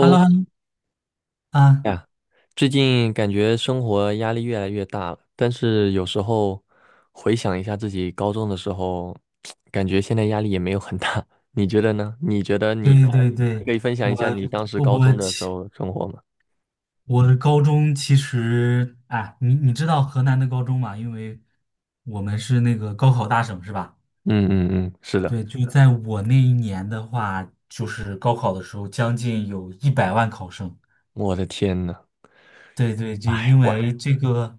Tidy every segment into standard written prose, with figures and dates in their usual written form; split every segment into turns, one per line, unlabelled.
h e l l o h e l l o 啊，
呀，最近感觉生活压力越来越大了，但是有时候回想一下自己高中的时候，感觉现在压力也没有很大。你觉得呢？你觉得你
对
呃
对对，
你可以分享
我
一下你当时高
我
中的时
其
候生活吗？
我的高中其实，哎，你知道河南的高中吗？因为我们是那个高考大省，是吧？
嗯嗯嗯，是的。
对，就在我那一年的话，就是高考的时候，将近有一百万考生。
我的天呐，
对对，就
哎，
因为这个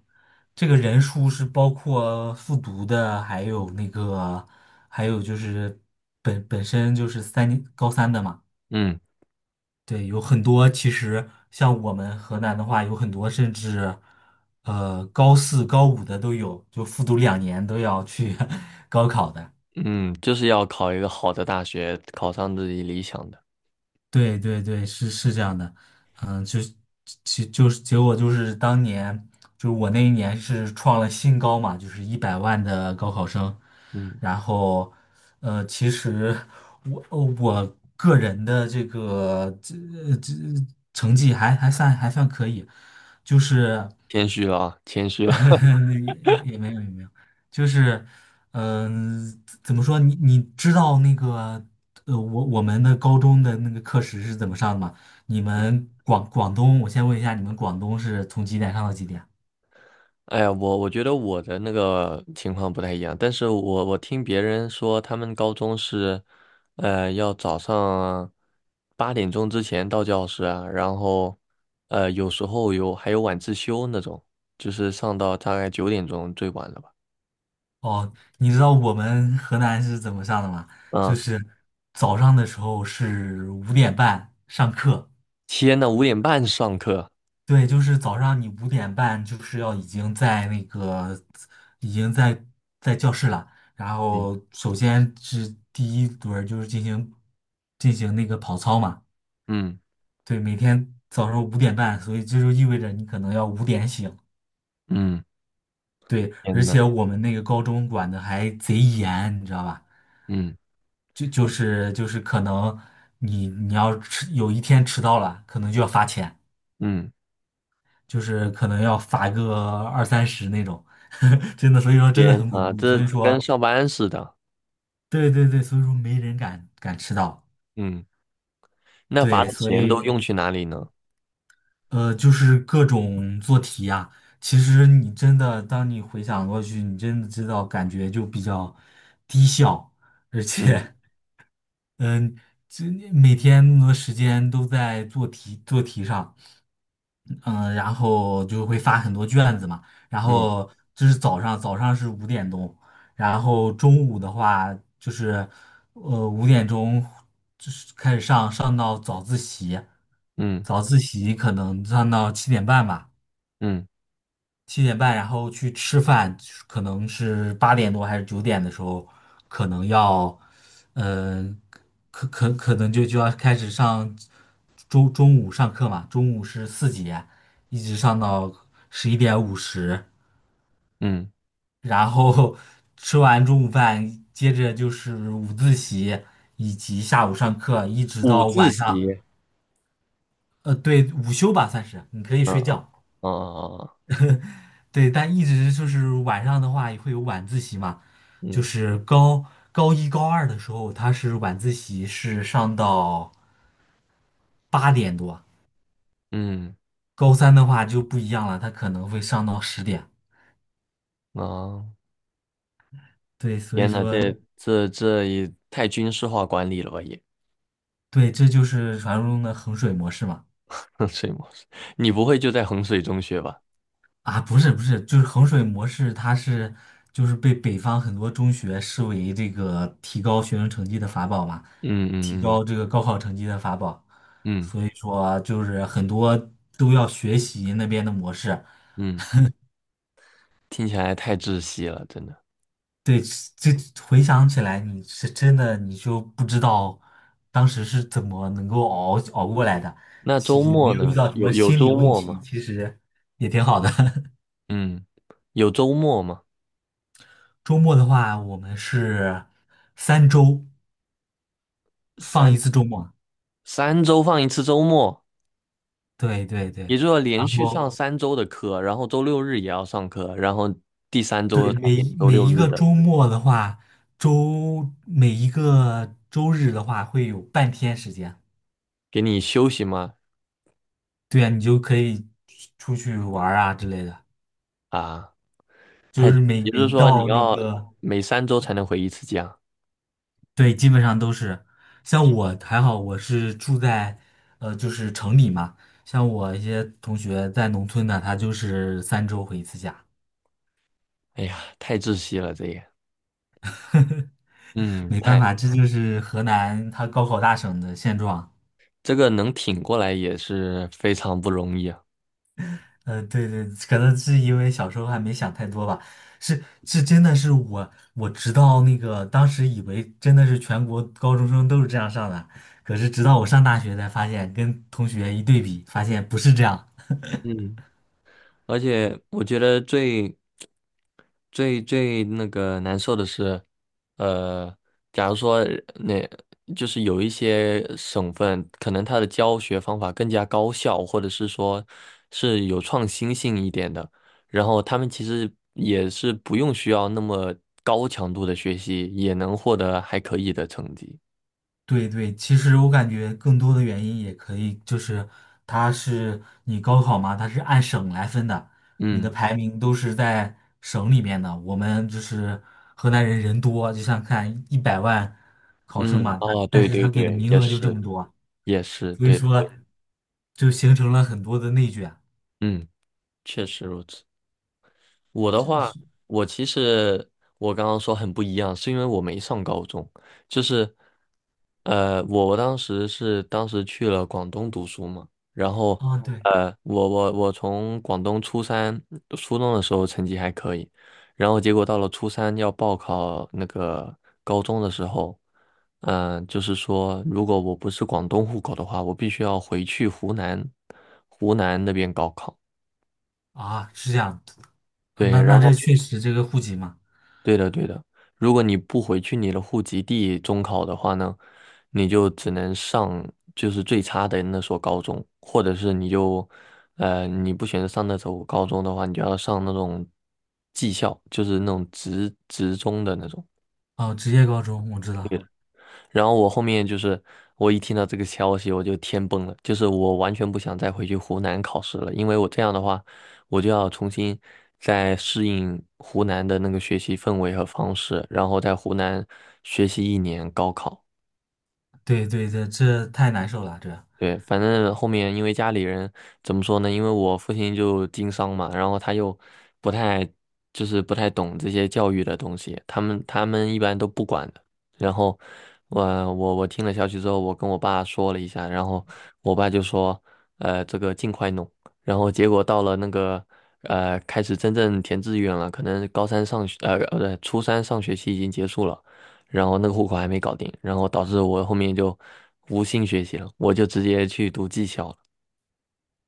这个人数是包括复读的，还有那个还有就是本身就是3年高三的嘛。
嗯
对，有很多其实像我们河南的话，有很多甚至高四、高五的都有，就复读2年都要去 高考的。
嗯，就是要考一个好的大学，考上自己理想的。
对对对，是这样的。嗯，就是其就是结果就是当年我那一年是创了新高嘛，就是一百万的高考生。
嗯，
然后其实我个人的这个这这呃成绩还算可以，就是。
谦虚了啊，谦虚了。
也也没有也没有，就是，怎么说？你知道那个，我们的高中的那个课时是怎么上的吗？你们广东，我先问一下，你们广东是从几点上到几点啊？
哎呀，我觉得我的那个情况不太一样，但是我听别人说，他们高中是，要早上八点钟之前到教室啊，然后，有时候还有晚自修那种，就是上到大概九点钟最晚了吧？
哦，你知道我们河南是怎么上的吗？就
啊，
是早上的时候是五点半上课。
天呐，五点半上课，
对，就是早上你五点半就是要已经在那个已经在在教室了，然
嗯
后首先是第一轮儿就是进行那个跑操嘛。
嗯
对，每天早上五点半，所以这就意味着你可能要五点醒。
嗯，
对，而
天呐，
且我们那个高中管的还贼严，你知道吧？
嗯
就是可能你有一天迟到了，可能就要罚钱。
嗯，
就是可能要罚个二三十那种，真的，所以说真的
天
很恐
呐，
怖，所
这
以
跟
说，
上班似的，
对对对，所以说没人敢迟到。
嗯，那罚
对，
的
所
钱都
以
用去哪里呢？
就是各种做题呀、其实你真的，当你回想过去，你真的知道感觉就比较低效。而
嗯
且，嗯、这每天那么多时间都在做题做题上。嗯，然后就会发很多卷子嘛，然
嗯
后就是早上是五点钟，然后中午的话就是，五点钟就是开始上到早自习，
嗯
早自习可能上到七点半吧，
嗯。
七点半，然后去吃饭，可能是八点多还是9点的时候，可能要，嗯、可能就要开始上中午上课嘛，中午是4节，一直上到11:50，
嗯
然后吃完中午饭，接着就是午自习以及下午上课，一直
五
到
自
晚上。
习，
对，午休吧算是，你可以
嗯
睡觉。
啊
对，但一直就是晚上的话也会有晚自习嘛，就
嗯，
是高一高二的时候，他是晚自习是上到八点多，
嗯
高三的话就不一样了，他可能会上到10点。
啊，
对，所以
天呐，
说，
这也太军事化管理了吧也，
对，这就是传说中的衡水模式嘛。
衡水模式，你不会就在衡水中学吧？
啊，不是不是，就是衡水模式，它是被北方很多中学视为这个提高学生成绩的法宝嘛，
嗯
提
嗯
高这个高考成绩的法宝。
嗯嗯
所以说就是很多都要学习那边的模式。
嗯，听起来太窒息了，真的。
对，这回想起来，你是真的你就不知道当时是怎么能够熬过来的。
那
其
周
实也没
末
有遇
呢？
到什么
有
心理
周
问
末
题，
吗？
其实也挺好的。
嗯有周末吗？
周末的话，我们是三周放一
三
次周末。
三周放一次周末，
对对对，
也就是说连
然
续上
后
三周的课，然后周六日也要上课，然后第三
对
周才
每
给
一
你周
每
六
一
日
个
的
周末的话，每一个周日的话会有半天时间。
给你休息吗？
对呀，你就可以出去玩儿啊之类的，
啊，
就
太，
是每
也
每
就是
一
说你
到那
要
个，
每三周才能回一次家。
对，基本上都是。像我还好，我是住在就是城里嘛。像我一些同学在农村的，他就是三周回一次家，
哎呀，太窒息了，这也，嗯，
没办
太，
法，这就是河南它高考大省的现状。
这个能挺过来也是非常不容易啊。
对对，可能是因为小时候还没想太多吧，是，真的是我直到那个当时以为真的是全国高中生都是这样上的，可是直到我上大学才发现，跟同学一对比，发现不是这样。
嗯。而且我觉得最那个难受的是，呃，假如说那就是有一些省份，可能它的教学方法更加高效，或者是说是有创新性一点的，然后他们其实也是不用需要那么高强度的学习，也能获得还可以的成绩。
对对，其实我感觉更多的原因也可以，就是它是你高考嘛，它是按省来分的，你的
嗯
排名都是在省里面的。我们就是河南人人多，就像看一百万考生
嗯，
嘛，他
哦，
但
对
是
对
他给的
对，
名
也
额就这
是
么多啊，
也是
所以
对的，
说就形成了很多的内卷。
嗯，确实如此。我的话，我其实我刚刚说很不一样，是因为我没上高中，就是，我当时去了广东读书嘛，然后，
啊，对
我从广东初中的时候成绩还可以，然后结果到了初三要报考那个高中的时候，就是说如果我不是广东户口的话，我必须要回去湖南那边高考。
啊，是这样，
对，
那
然
这
后。
确实这个户籍嘛。
对的，对的。如果你不回去你的户籍地中考的话呢，你就只能上就是最差的那所高中，或者是你就，你不选择上那所高中的话，你就要上那种技校，就是那种职中的那种。
哦，职业高中我知道，
然后我后面就是我一听到这个消息，我就天崩了，就是我完全不想再回去湖南考试了，因为我这样的话，我就要重新再适应湖南的那个学习氛围和方式，然后在湖南学习一年高考。
对对对，这太难受了，这。
对，反正后面因为家里人怎么说呢？因为我父亲就经商嘛，然后他又不太不太懂这些教育的东西，他们一般都不管的。然后我我听了消息之后，我跟我爸说了一下，然后我爸就说，这个尽快弄。然后结果到了那个开始真正填志愿了，可能高三上学呃呃初三上学期已经结束了。然后那个户口还没搞定，然后导致我后面就无心学习了，我就直接去读技校了。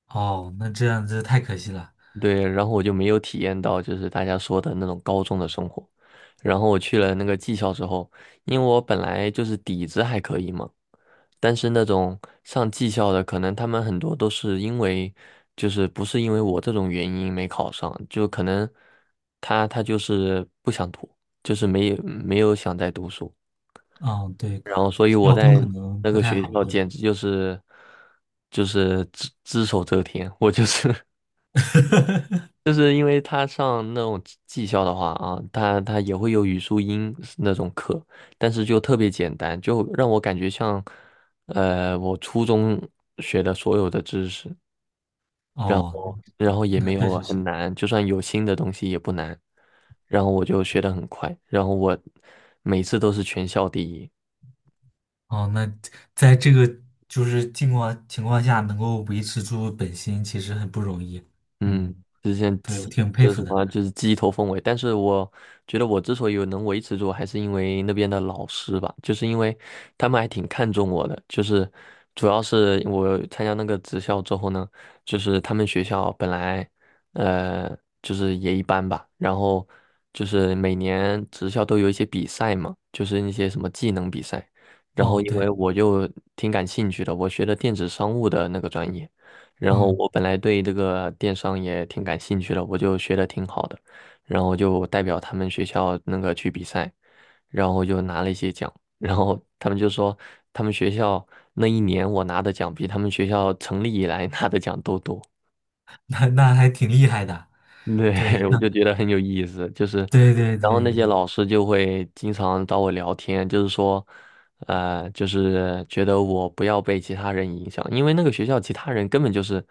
哦，那这样子太可惜了。
对，然后我就没有体验到就是大家说的那种高中的生活。然后我去了那个技校之后，因为我本来就是底子还可以嘛，但是那种上技校的，可能他们很多都是因为，就是不是因为我这种原因没考上，就可能他就是不想读，就是没有想再读书，
哦，对，
然后所以我
校风可
在
能
那
不
个
太
学
好，
校
对吧
简直就是只手遮天，我就是 就是因为他上那种技校的话啊，他也会有语数英那种课，但是就特别简单，就让我感觉像我初中学的所有的知识，然
哦，
后然后也
那
没
确
有
实
很
是。
难，就算有新的东西也不难，然后我就学得很快，然后我每次都是全校第一。
哦，那在这个就是情况下，能够维持住本心，其实很不容易。嗯，
嗯，之前
对，我挺佩
就是
服
什
的。
么，就是鸡头凤尾。但是我觉得我之所以能维持住，还是因为那边的老师吧，就是因为他们还挺看重我的。就是主要是我参加那个职校之后呢，就是他们学校本来呃就是也一般吧，然后就是每年职校都有一些比赛嘛，就是一些什么技能比赛。然后
哦，
因
对，
为我就挺感兴趣的，我学的电子商务的那个专业。然后
嗯，
我本来对这个电商也挺感兴趣的，我就学的挺好的，然后就代表他们学校那个去比赛，然后就拿了一些奖，然后他们就说他们学校那一年我拿的奖比他们学校成立以来 拿的奖都多。
那还挺厉害的。对，
对，我
那
就觉得很有意思，就是，
对对
然后
对
那些老师就会经常找我聊天，就是说，就是觉得我不要被其他人影响，因为那个学校其他人根本就是，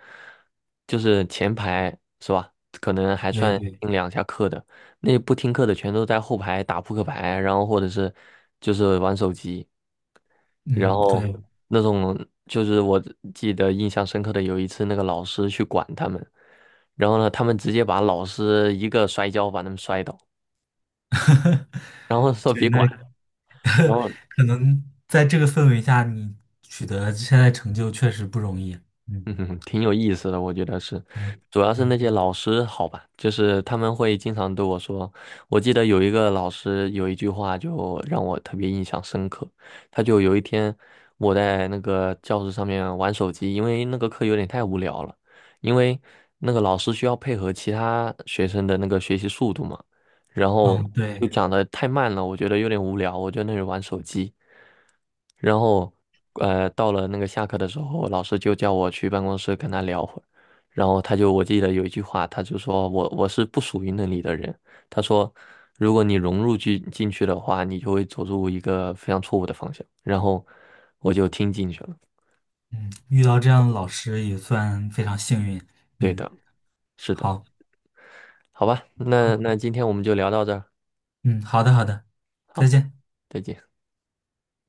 就是前排是吧？可能还
对
算
对，
听两下课的，那不听课的全都在后排打扑克牌，然后或者是就是玩手机。然
嗯，
后
对，
那种就是我记得印象深刻的有一次，那个老师去管他们，然后呢，他们直接把老师一个摔跤把他们摔倒，然后说
对，
别
那
管，然后
可能在这个氛围下，你取得现在成就确实不容易。嗯，
嗯哼，挺有意思的，我觉得是，
对
主要是
对。
那些老师好吧，就是他们会经常对我说，我记得有一个老师有一句话就让我特别印象深刻，他就有一天我在那个教室上面玩手机，因为那个课有点太无聊了，因为那个老师需要配合其他学生的那个学习速度嘛，然后
嗯，
就
对，
讲的太慢了，我觉得有点无聊，我就在那里玩手机。然后，到了那个下课的时候，老师就叫我去办公室跟他聊会儿。然后他就，我记得有一句话，他就说我是不属于那里的人。他说，如果你融入进去的话，你就会走入一个非常错误的方向。然后我就听进去了。
嗯，遇到这样的老师也算非常幸运。
对
嗯，
的，是的，
好，
好吧，那今天我们就聊到这儿，
嗯，好的，好的，再
好，
见。
再见。